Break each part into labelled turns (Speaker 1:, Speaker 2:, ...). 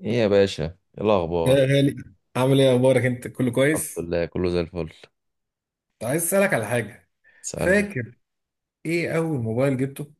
Speaker 1: ايه يا باشا، ايه
Speaker 2: يا
Speaker 1: الاخبار؟
Speaker 2: غالي، عامل ايه؟ اخبارك؟ انت كله
Speaker 1: الحمد
Speaker 2: كويس؟
Speaker 1: لله، كله زي الفل.
Speaker 2: كنت عايز اسالك على حاجه.
Speaker 1: تسألني.
Speaker 2: فاكر ايه اول موبايل جبته؟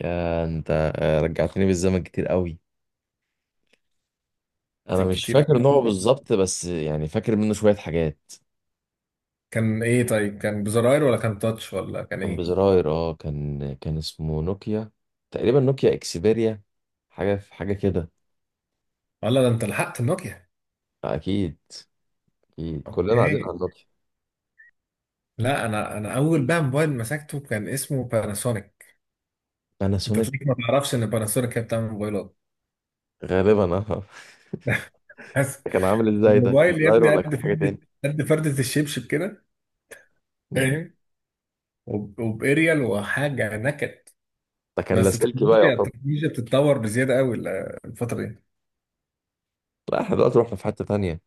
Speaker 1: يا انت، آه، رجعتني بالزمن كتير قوي. انا
Speaker 2: كان
Speaker 1: مش
Speaker 2: كتير
Speaker 1: فاكر
Speaker 2: قوي.
Speaker 1: نوعه بالظبط، بس يعني فاكر منه شوية حاجات.
Speaker 2: كان ايه؟ طيب كان بزراير ولا كان تاتش ولا كان
Speaker 1: كان
Speaker 2: ايه؟
Speaker 1: بزراير، اه، كان اسمه نوكيا. تقريبا نوكيا اكسبيريا. حاجة في حاجة كده.
Speaker 2: ولا ده انت لحقت النوكيا؟
Speaker 1: آه، اكيد. اكيد كلنا قاعدين
Speaker 2: اوكي.
Speaker 1: على نوكيا.
Speaker 2: لا انا اول بقى موبايل مسكته كان اسمه باناسونيك. انت
Speaker 1: باناسونيك.
Speaker 2: تلاقيك ما تعرفش ان باناسونيك هي بتعمل موبايلات.
Speaker 1: غالبا، اه.
Speaker 2: بس
Speaker 1: ده كان عامل ازاي؟ ده كان
Speaker 2: الموبايل يا
Speaker 1: زراير
Speaker 2: ابني
Speaker 1: ولا كان
Speaker 2: قد
Speaker 1: حاجة تاني؟
Speaker 2: فردة، قد فردة الشبشب كده،
Speaker 1: مم.
Speaker 2: فاهم؟ وباريال وحاجه نكد.
Speaker 1: ده كان
Speaker 2: بس
Speaker 1: لاسلكي بقى
Speaker 2: التكنولوجيا
Speaker 1: يعتبر.
Speaker 2: التكنولوجيا بتتطور بزياده قوي الفتره دي.
Speaker 1: لا، احنا دلوقتي رحنا في حتة تانية.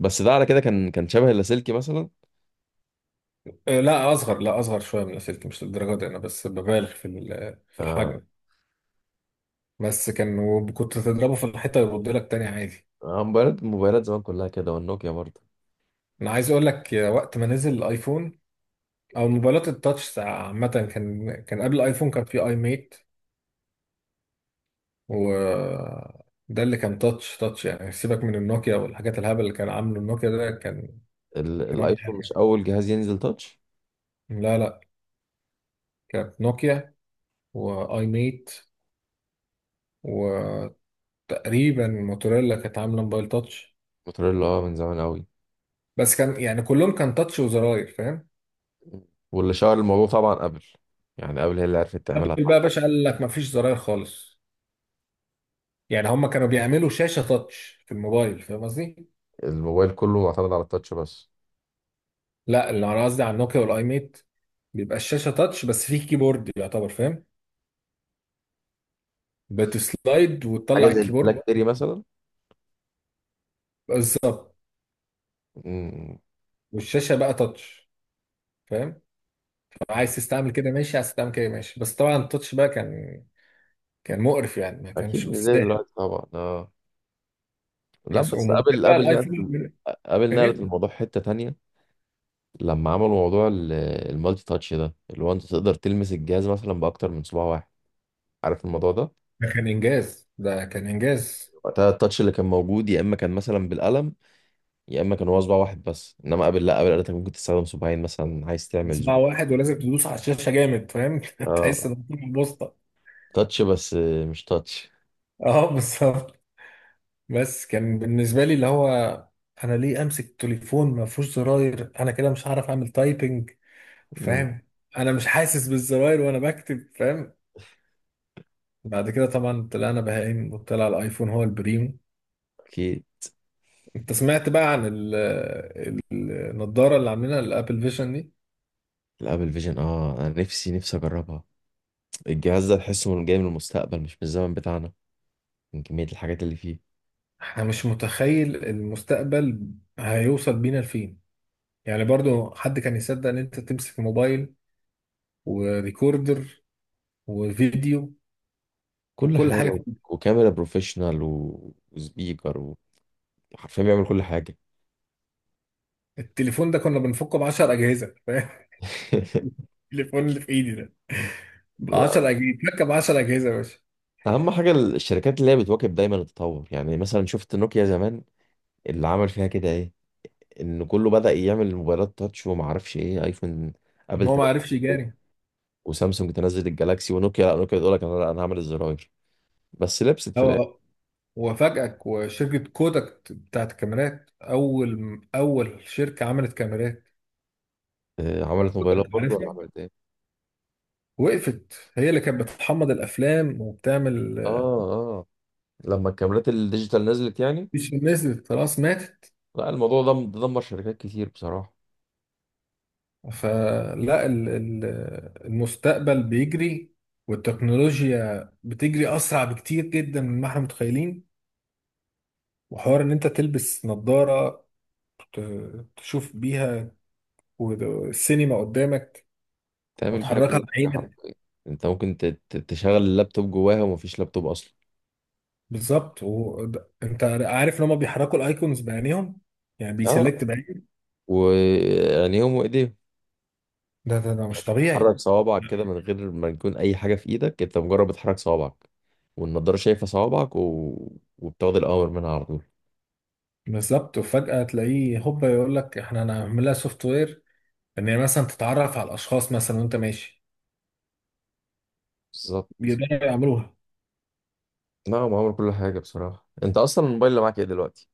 Speaker 1: بس ده على كده، كان شبه اللاسلكي مثلا.
Speaker 2: آه، لا اصغر، لا اصغر شويه من السلك، مش للدرجه دي، انا بس ببالغ في
Speaker 1: آه.
Speaker 2: الحجم. بس كان، وكنت تضربه في الحيطه يرد لك تاني عادي.
Speaker 1: آه، موبايلات موبايلات زمان كلها كده، والنوكيا برضه.
Speaker 2: انا عايز اقول لك يا، وقت ما نزل الايفون او موبايلات التاتش عامه، كان قبل الايفون كان في اي ميت، و ده اللي كان تاتش تاتش، يعني سيبك من النوكيا والحاجات الهبل اللي كان عامله النوكيا، ده كان كان ولا
Speaker 1: الايفون مش
Speaker 2: حاجه.
Speaker 1: اول جهاز ينزل تاتش.
Speaker 2: لا لا، كانت نوكيا واي ميت. تقريبا الموتوريلا كانت عامله موبايل تاتش.
Speaker 1: موتوريلا، اه، من زمان قوي.
Speaker 2: بس كان يعني كلهم كان تاتش وزراير، فاهم؟
Speaker 1: واللي شهر الموضوع طبعا ابل. يعني ابل هي اللي عرفت تعملها.
Speaker 2: ابل بقى يا باشا قال لك ما فيش زراير خالص، يعني هم كانوا بيعملوا شاشه تاتش في الموبايل، فاهم قصدي؟
Speaker 1: الموبايل كله معتمد على التاتش بس.
Speaker 2: لا، اللي انا قصدي على النوكيا والاي ميت، بيبقى الشاشه تاتش بس فيه كيبورد يعتبر، فاهم؟ بتسلايد
Speaker 1: حاجه
Speaker 2: وتطلع
Speaker 1: زي
Speaker 2: الكيبورد.
Speaker 1: البلاك بيري مثلا.
Speaker 2: بالظبط.
Speaker 1: مم،
Speaker 2: والشاشه بقى تاتش، فاهم؟ طب عايز تستعمل كده ماشي، عايز تستعمل كده ماشي، بس طبعا التاتش بقى كان كان مقرف، يعني ما
Speaker 1: اكيد
Speaker 2: كانش
Speaker 1: مش زي
Speaker 2: مستاهل.
Speaker 1: دلوقتي طبعا، اه. لا، بس
Speaker 2: مسؤول ممكن
Speaker 1: ابل
Speaker 2: بقى
Speaker 1: ابل نقلت.
Speaker 2: الايفون.
Speaker 1: ابل نقلت الموضوع حته تانية. لما عملوا موضوع المالتي تاتش، ده اللي هو انت تقدر تلمس الجهاز مثلا باكتر من صباع واحد. عارف الموضوع ده؟
Speaker 2: ده كان انجاز، ده كان انجاز.
Speaker 1: وقتها التاتش اللي كان موجود يا اما كان مثلا بالقلم. يا اما كان هو صباع واحد بس، انما قبل، لا، قبل قالت لك ممكن تستخدم صباعين مثلا عايز تعمل
Speaker 2: 9
Speaker 1: زور.
Speaker 2: واحد، ولازم تدوس على الشاشه جامد، فاهم؟ تحس
Speaker 1: اه.
Speaker 2: ان في بوسطه.
Speaker 1: تاتش بس. مش تاتش.
Speaker 2: اه بالظبط. بس كان بالنسبه لي اللي هو، انا ليه امسك تليفون ما فيهوش زراير؟ انا كده مش هعرف اعمل تايبنج،
Speaker 1: مم.
Speaker 2: فاهم؟ انا مش حاسس بالزراير وانا بكتب، فاهم؟ بعد كده طبعا طلعنا بهايم وطلع الايفون هو البريم.
Speaker 1: اكيد.
Speaker 2: انت سمعت بقى عن ال- النضاره اللي عاملينها الابل فيجن دي؟
Speaker 1: الابل فيجن، اه، انا نفسي نفسي اجربها. الجهاز ده تحسه من جاي من المستقبل، مش من الزمن بتاعنا. من كمية الحاجات اللي فيه.
Speaker 2: احنا مش متخيل المستقبل هيوصل بينا لفين. يعني برضو حد كان يصدق ان انت تمسك موبايل وريكوردر وفيديو
Speaker 1: كل
Speaker 2: وكل
Speaker 1: حاجة
Speaker 2: حاجه
Speaker 1: و.
Speaker 2: في-
Speaker 1: وكاميرا بروفيشنال، و... وسبيكر و. حرفيا بيعمل كل حاجة.
Speaker 2: التليفون ده كنا بنفكه ب 10 اجهزه، فاهم؟ التليفون اللي في ايدي ده ب
Speaker 1: لا.
Speaker 2: 10 اجهزه، فك ب 10 اجهزه يا باشا.
Speaker 1: اهم حاجة الشركات اللي هي بتواكب دايما التطور. يعني مثلا شفت نوكيا زمان؟ اللي عمل فيها كده ايه؟ ان كله بدأ يعمل موبايلات تاتش وما اعرفش ايه، ايفون.
Speaker 2: إن
Speaker 1: ابل
Speaker 2: هو ما
Speaker 1: تنزل
Speaker 2: عرفش
Speaker 1: الأيفون،
Speaker 2: يجاري.
Speaker 1: وسامسونج تنزل الجالاكسي، ونوكيا لا، نوكيا تقول لك انا، لا، انا هعمل الزراير. بس لبست في الاخر.
Speaker 2: هو وفاجئك، وشركه كودك بتاعت الكاميرات، اول شركه عملت كاميرات،
Speaker 1: آه، عملت موبايلات
Speaker 2: كودك
Speaker 1: برضه ولا
Speaker 2: عارفها،
Speaker 1: عملت ايه؟
Speaker 2: وقفت. هي اللي كانت بتحمض الافلام وبتعمل.
Speaker 1: اه، اه. لما الكاميرات الديجيتال نزلت يعني.
Speaker 2: مش نزلت، خلاص ماتت.
Speaker 1: لا، الموضوع ده دمر شركات كتير بصراحة.
Speaker 2: فلا المستقبل بيجري، والتكنولوجيا بتجري أسرع بكتير جدا مما احنا متخيلين. وحوار إن أنت تلبس نظارة تشوف بيها والسينما قدامك
Speaker 1: تعمل بيها
Speaker 2: وتحركها
Speaker 1: كل حاجة
Speaker 2: بعينك.
Speaker 1: حرفيا. انت ممكن تشغل اللابتوب جواها ومفيش لابتوب اصلا.
Speaker 2: بالظبط، وأنت عارف إن هما بيحركوا الأيكونز بعينيهم، يعني بيسلكت
Speaker 1: اه.
Speaker 2: بعين.
Speaker 1: وعينيهم وايديهم.
Speaker 2: ده مش
Speaker 1: يعني
Speaker 2: طبيعي.
Speaker 1: تحرك صوابعك كده من غير ما يكون اي حاجه في ايدك، انت مجرد بتحرك صوابعك. والنضاره شايفه صوابعك، و... وبتاخد الاوامر منها على طول.
Speaker 2: بالظبط، وفجأة تلاقيه هوبا يقول لك احنا هنعملها سوفت وير، ان هي مثلا تتعرف على الاشخاص مثلا وانت ماشي.
Speaker 1: بالظبط.
Speaker 2: يقدروا يعملوها.
Speaker 1: لا، معامل كل حاجه بصراحه. انت اصلا الموبايل اللي معاك ايه دلوقتي؟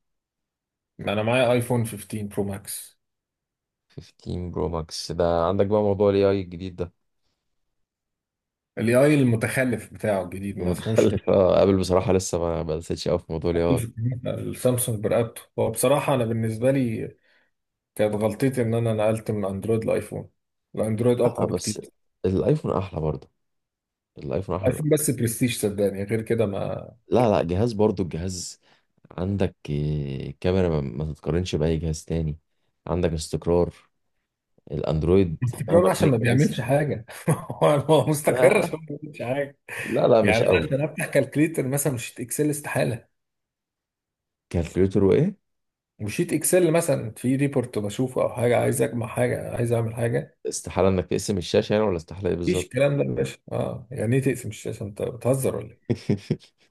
Speaker 2: انا معايا ايفون 15 برو ماكس.
Speaker 1: 15 برو ماكس. ده عندك بقى موضوع الاي اي الجديد ده؟
Speaker 2: الاي اي المتخلف بتاعه الجديد ما اسموش.
Speaker 1: المتخلف، اه، ابل بصراحه لسه ما دستش قوي في موضوع الاي
Speaker 2: ابل
Speaker 1: اي.
Speaker 2: في الجديد، السامسونج برقبته، هو بصراحه، انا بالنسبه لي كانت غلطتي ان انا نقلت من اندرويد لايفون. الاندرويد
Speaker 1: اه،
Speaker 2: اقوى
Speaker 1: بس
Speaker 2: بكتير.
Speaker 1: الايفون احلى برضه. الايفون احلى.
Speaker 2: ايفون بس برستيج، صدقني غير كده ما.
Speaker 1: لا، لا، جهاز برضه الجهاز. عندك آه، كاميرا ما تتقارنش باي جهاز تاني. عندك استقرار. الاندرويد مهما
Speaker 2: استقرار
Speaker 1: كان
Speaker 2: عشان ما
Speaker 1: الجهاز،
Speaker 2: بيعملش حاجه هو هو مستقر
Speaker 1: آه،
Speaker 2: عشان ما بيعملش حاجه.
Speaker 1: لا، لا، مش
Speaker 2: يعني انا
Speaker 1: قوي.
Speaker 2: عشان افتح كالكليتر مثلا، مش شيت اكسل، استحاله.
Speaker 1: كالكوليتور وايه؟
Speaker 2: وشيت اكسل مثلا في ريبورت بشوفه او حاجه، عايز اجمع حاجه، عايز اعمل حاجه،
Speaker 1: استحالة انك تقسم الشاشة يعني؟ ولا استحالة ايه
Speaker 2: مفيش
Speaker 1: بالظبط؟
Speaker 2: الكلام ده يا باشا. اه يعني ايه تقسم الشاشه؟ انت بتهزر ولا ايه؟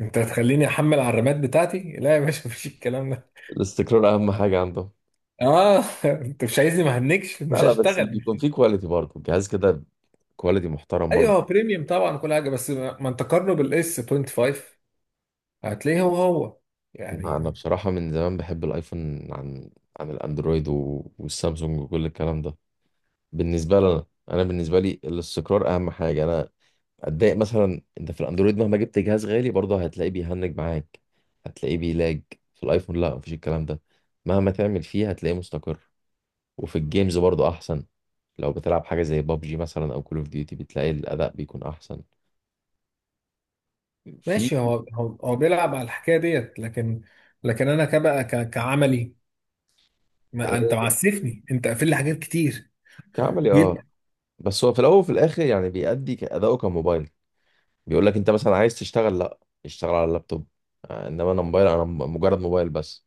Speaker 2: انت هتخليني احمل على الرامات بتاعتي؟ لا يا باشا مفيش الكلام ده.
Speaker 1: الاستقرار اهم حاجة عندهم.
Speaker 2: اه انت مش عايزني، ما هنكش،
Speaker 1: لا،
Speaker 2: مش
Speaker 1: لا، بس
Speaker 2: هشتغل.
Speaker 1: بيكون في كواليتي برضه الجهاز كده. كواليتي محترم
Speaker 2: ايوه
Speaker 1: برضه.
Speaker 2: هو بريميوم طبعا كل حاجه، بس ما انت قارنه بالاس 25 هتلاقيه هو هو
Speaker 1: أنا
Speaker 2: يعني.
Speaker 1: بصراحة من زمان بحب الايفون عن عن الاندرويد والسامسونج وكل الكلام ده. بالنسبة لنا، انا بالنسبة لي الاستقرار اهم حاجة. انا اتضايق مثلا، انت في الاندرويد مهما جبت جهاز غالي برضه هتلاقيه بيهنج معاك. هتلاقيه بيلاج. في الايفون لا، مفيش الكلام ده. مهما تعمل فيه هتلاقيه مستقر. وفي الجيمز برضه احسن. لو بتلعب حاجه زي بابجي مثلا او كول اوف ديوتي بتلاقي الاداء بيكون احسن في.
Speaker 2: ماشي هو هو, هو بيلعب على الحكايه ديت، لكن لكن انا كبقى كعملي، ما
Speaker 1: آه،
Speaker 2: انت معسفني، انت قافل لي حاجات كتير
Speaker 1: كعملي، اه.
Speaker 2: جدا.
Speaker 1: بس هو في الاول وفي الاخر يعني بيأدي اداؤه كموبايل. بيقول لك انت مثلا عايز تشتغل؟ لا، اشتغل على اللابتوب. آه، انما انا موبايل. انا مجرد موبايل بس.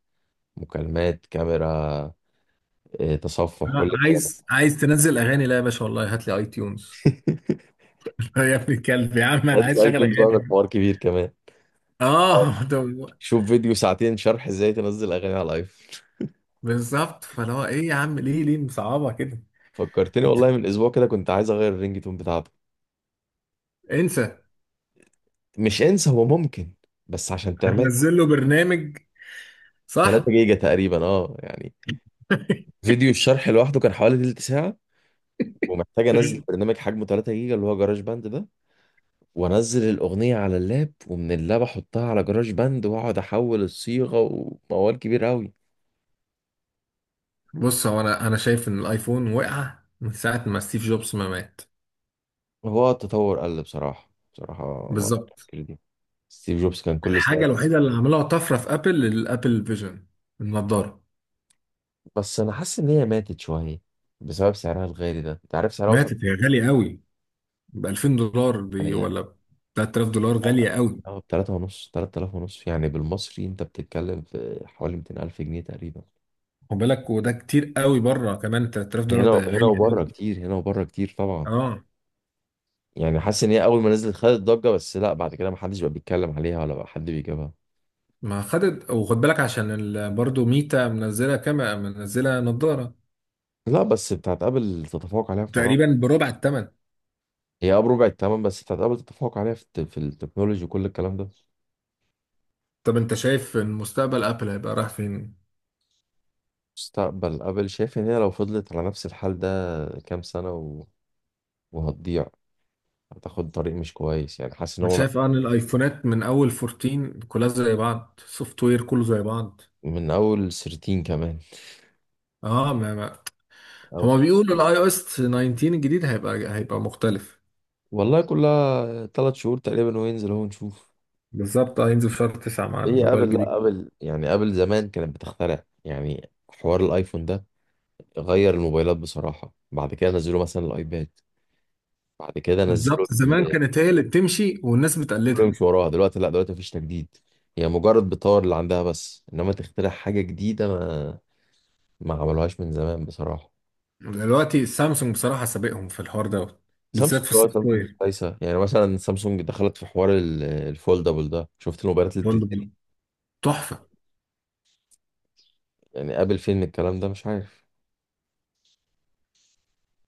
Speaker 1: مكالمات، كاميرا، آه، تصفح،
Speaker 2: أنا
Speaker 1: كل الكلام
Speaker 2: عايز تنزل اغاني؟ لا يا باشا والله، هات لي اي تيونز
Speaker 1: ده.
Speaker 2: يا ابن الكلب، يا عم انا
Speaker 1: هات
Speaker 2: عايز اشغل
Speaker 1: الايتونز بقى، ده
Speaker 2: اغاني.
Speaker 1: حوار كبير كمان.
Speaker 2: اه
Speaker 1: شوف فيديو 2 ساعة شرح ازاي تنزل اغاني على الايفون.
Speaker 2: بالظبط، فاللي هو ايه يا عم، ليه مصعبه كده؟
Speaker 1: فكرتني والله، من اسبوع كده كنت عايز اغير الرينج تون بتاعته.
Speaker 2: انسى.
Speaker 1: مش انسى، هو ممكن. بس عشان تعمل
Speaker 2: هتنزل له برنامج،
Speaker 1: 3
Speaker 2: صح؟
Speaker 1: جيجا تقريبا، اه، يعني. فيديو الشرح لوحده كان حوالي تلت ساعة. ومحتاج انزل برنامج حجمه 3 جيجا اللي هو جراج باند ده. وانزل الاغنية على اللاب، ومن اللاب احطها على جراج باند واقعد احول الصيغة. وموال كبير قوي.
Speaker 2: بص، هو انا انا شايف ان الايفون وقع من ساعه ما ستيف جوبز ما مات.
Speaker 1: هو التطور قل، بصراحة، بصراحة. موضوع
Speaker 2: بالظبط.
Speaker 1: التفكير دي. ستيف جوبز كان كل
Speaker 2: الحاجه
Speaker 1: سنة.
Speaker 2: الوحيده اللي عملوها طفره في ابل، الابل فيجن، النضاره.
Speaker 1: بس انا حاسس ان هي ماتت شويه بسبب سعرها الغالي. ده انت عارف سعرها وصل
Speaker 2: ماتت، هي غاليه قوي، ب 2000 دولار بي،
Speaker 1: يعني
Speaker 2: ولا ب 3000 دولار، غاليه قوي.
Speaker 1: اه ب 3 ونص، 3000 ونص، يعني بالمصري انت بتتكلم في حوالي 200 الف جنيه تقريبا.
Speaker 2: خد بالك، وده كتير قوي بره كمان، 3000 دولار ده
Speaker 1: هنا هنا
Speaker 2: غالي
Speaker 1: وبره
Speaker 2: قوي.
Speaker 1: كتير، هنا وبره كتير طبعا.
Speaker 2: اه
Speaker 1: يعني حاسس ان هي اول ما نزلت خدت ضجه، بس لا، بعد كده ما حدش بقى بيتكلم عليها ولا بقى حد بيجيبها.
Speaker 2: ما خدت، وخد بالك عشان برضه ميتا منزله كاميرا، منزله نظاره.
Speaker 1: لا، بس بتاعت ابل تتفوق عليها في مراحل.
Speaker 2: تقريبا بربع الثمن.
Speaker 1: هي اه، بربع الثمن، بس بتاعت ابل تتفوق عليها في في التكنولوجي وكل الكلام ده.
Speaker 2: طب انت شايف إن مستقبل ابل هيبقى رايح فين؟
Speaker 1: مستقبل ابل، شايف ان هي لو فضلت على نفس الحال ده كام سنه و... وهتضيع. هتاخد طريق مش كويس، يعني حاسس ان
Speaker 2: مش
Speaker 1: هو
Speaker 2: شايف ان الايفونات من اول 14 كلها زي بعض؟ سوفت وير كله زي بعض.
Speaker 1: من اول 13 كمان.
Speaker 2: اه ما.
Speaker 1: أو.
Speaker 2: هما بيقولوا الاي او اس 19 الجديد هيبقى مختلف.
Speaker 1: والله كلها 3 شهور تقريبا وينزل هو نشوف.
Speaker 2: بالظبط. آه، هينزل في شهر 9 مع
Speaker 1: هي
Speaker 2: الموبايل
Speaker 1: ابل،
Speaker 2: الجديد.
Speaker 1: لا ابل يعني، ابل زمان كانت بتخترع، يعني حوار الايفون ده غير الموبايلات بصراحة. بعد كده نزلوا مثلا الايباد. بعد كده نزلوا
Speaker 2: بالظبط، زمان كانت هي اللي بتمشي والناس
Speaker 1: كله
Speaker 2: بتقلدها.
Speaker 1: يمشي وراها. دلوقتي لا، دلوقتي مفيش تجديد. هي مجرد بتطور اللي عندها، بس انما تخترع حاجة جديدة، ما عملوهاش من زمان بصراحة.
Speaker 2: دلوقتي سامسونج بصراحه سابقهم في الحوار دوت،
Speaker 1: سامسونج،
Speaker 2: بالذات في
Speaker 1: اه،
Speaker 2: السوفت
Speaker 1: سامسونج كويسه، يعني مثلا سامسونج دخلت في حوار الفولدبل ده، شفت الموبايلات اللي بتتني.
Speaker 2: وير. تحفة.
Speaker 1: يعني قابل فين الكلام ده، مش عارف.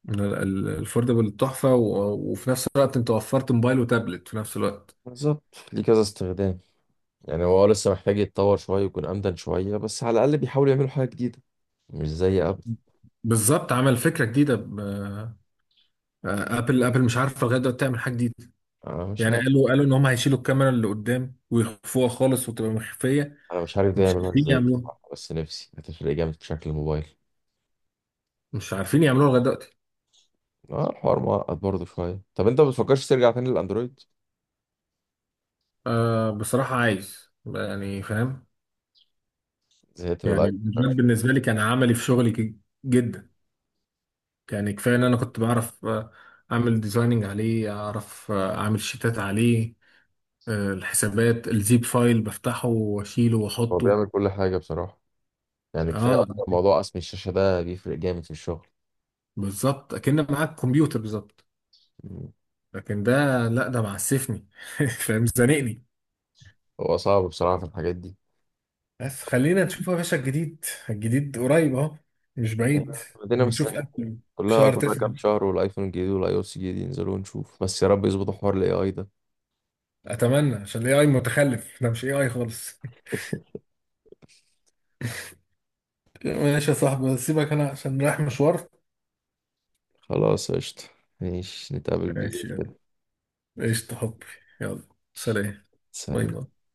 Speaker 2: الفوردبل تحفة، وفي نفس الوقت انت وفرت موبايل وتابلت في نفس الوقت.
Speaker 1: بالظبط، ليه كذا استخدام. يعني هو، آه، لسه محتاج يتطور شويه ويكون امدن شويه، بس على الاقل بيحاولوا يعملوا حاجه جديده. مش زي قبل.
Speaker 2: بالظبط، عمل فكرة جديدة ابل مش عارفة لغاية دلوقتي تعمل حاجة جديدة.
Speaker 1: انا مش
Speaker 2: يعني
Speaker 1: عارف.
Speaker 2: قالوا ان هم هيشيلوا الكاميرا اللي قدام ويخفوها خالص وتبقى مخفية.
Speaker 1: انا مش عارف ده
Speaker 2: مش
Speaker 1: يعملوها
Speaker 2: عارفين
Speaker 1: ازاي
Speaker 2: يعملوها،
Speaker 1: بصراحة، بس نفسي هتفرق جامد في شكل الموبايل.
Speaker 2: مش عارفين يعملوها لغاية دلوقتي.
Speaker 1: اه، الحوار معقد برضه شويه. طب انت ما بتفكرش ترجع تاني للاندرويد؟
Speaker 2: أه بصراحة عايز، يعني فاهم؟
Speaker 1: زهقت من
Speaker 2: يعني
Speaker 1: الايفون.
Speaker 2: الديزاين
Speaker 1: شكلك.
Speaker 2: بالنسبة لي كان عملي في شغلي جدا. يعني كفاية ان انا كنت بعرف، آه، اعمل ديزايننج عليه، اعرف آه اعمل شيتات عليه، آه الحسابات، الزيب فايل بفتحه واشيله
Speaker 1: هو
Speaker 2: واحطه.
Speaker 1: بيعمل كل حاجه بصراحه. يعني كفايه
Speaker 2: اه
Speaker 1: اصلا موضوع قسم الشاشه ده بيفرق جامد في الشغل.
Speaker 2: بالظبط، اكن معاك كمبيوتر بالظبط. لكن ده، لا ده معسفني فاهم؟ زنقني.
Speaker 1: هو صعب بصراحة في الحاجات دي.
Speaker 2: بس خلينا نشوف يا باشا، الجديد الجديد قريب اهو، مش بعيد.
Speaker 1: مدينة
Speaker 2: بنشوف
Speaker 1: مستنية.
Speaker 2: أبل في
Speaker 1: كلها
Speaker 2: شهر
Speaker 1: كلها
Speaker 2: تسعة.
Speaker 1: كام شهر والايفون الجديد والاي او اس الجديد ينزلوا ونشوف، بس يا رب يظبطوا حوار الاي اي ده.
Speaker 2: اتمنى، عشان الاي اي متخلف، احنا مش اي اي خالص ماشي يا صاحبي، سيبك، انا عشان رايح مشوار.
Speaker 1: خلاص، قشطة. ماشي، نتقابل بالليل
Speaker 2: ماشي، يلا.
Speaker 1: كده.
Speaker 2: قشطة حبي. يلا. سلام. باي
Speaker 1: سلام.
Speaker 2: باي.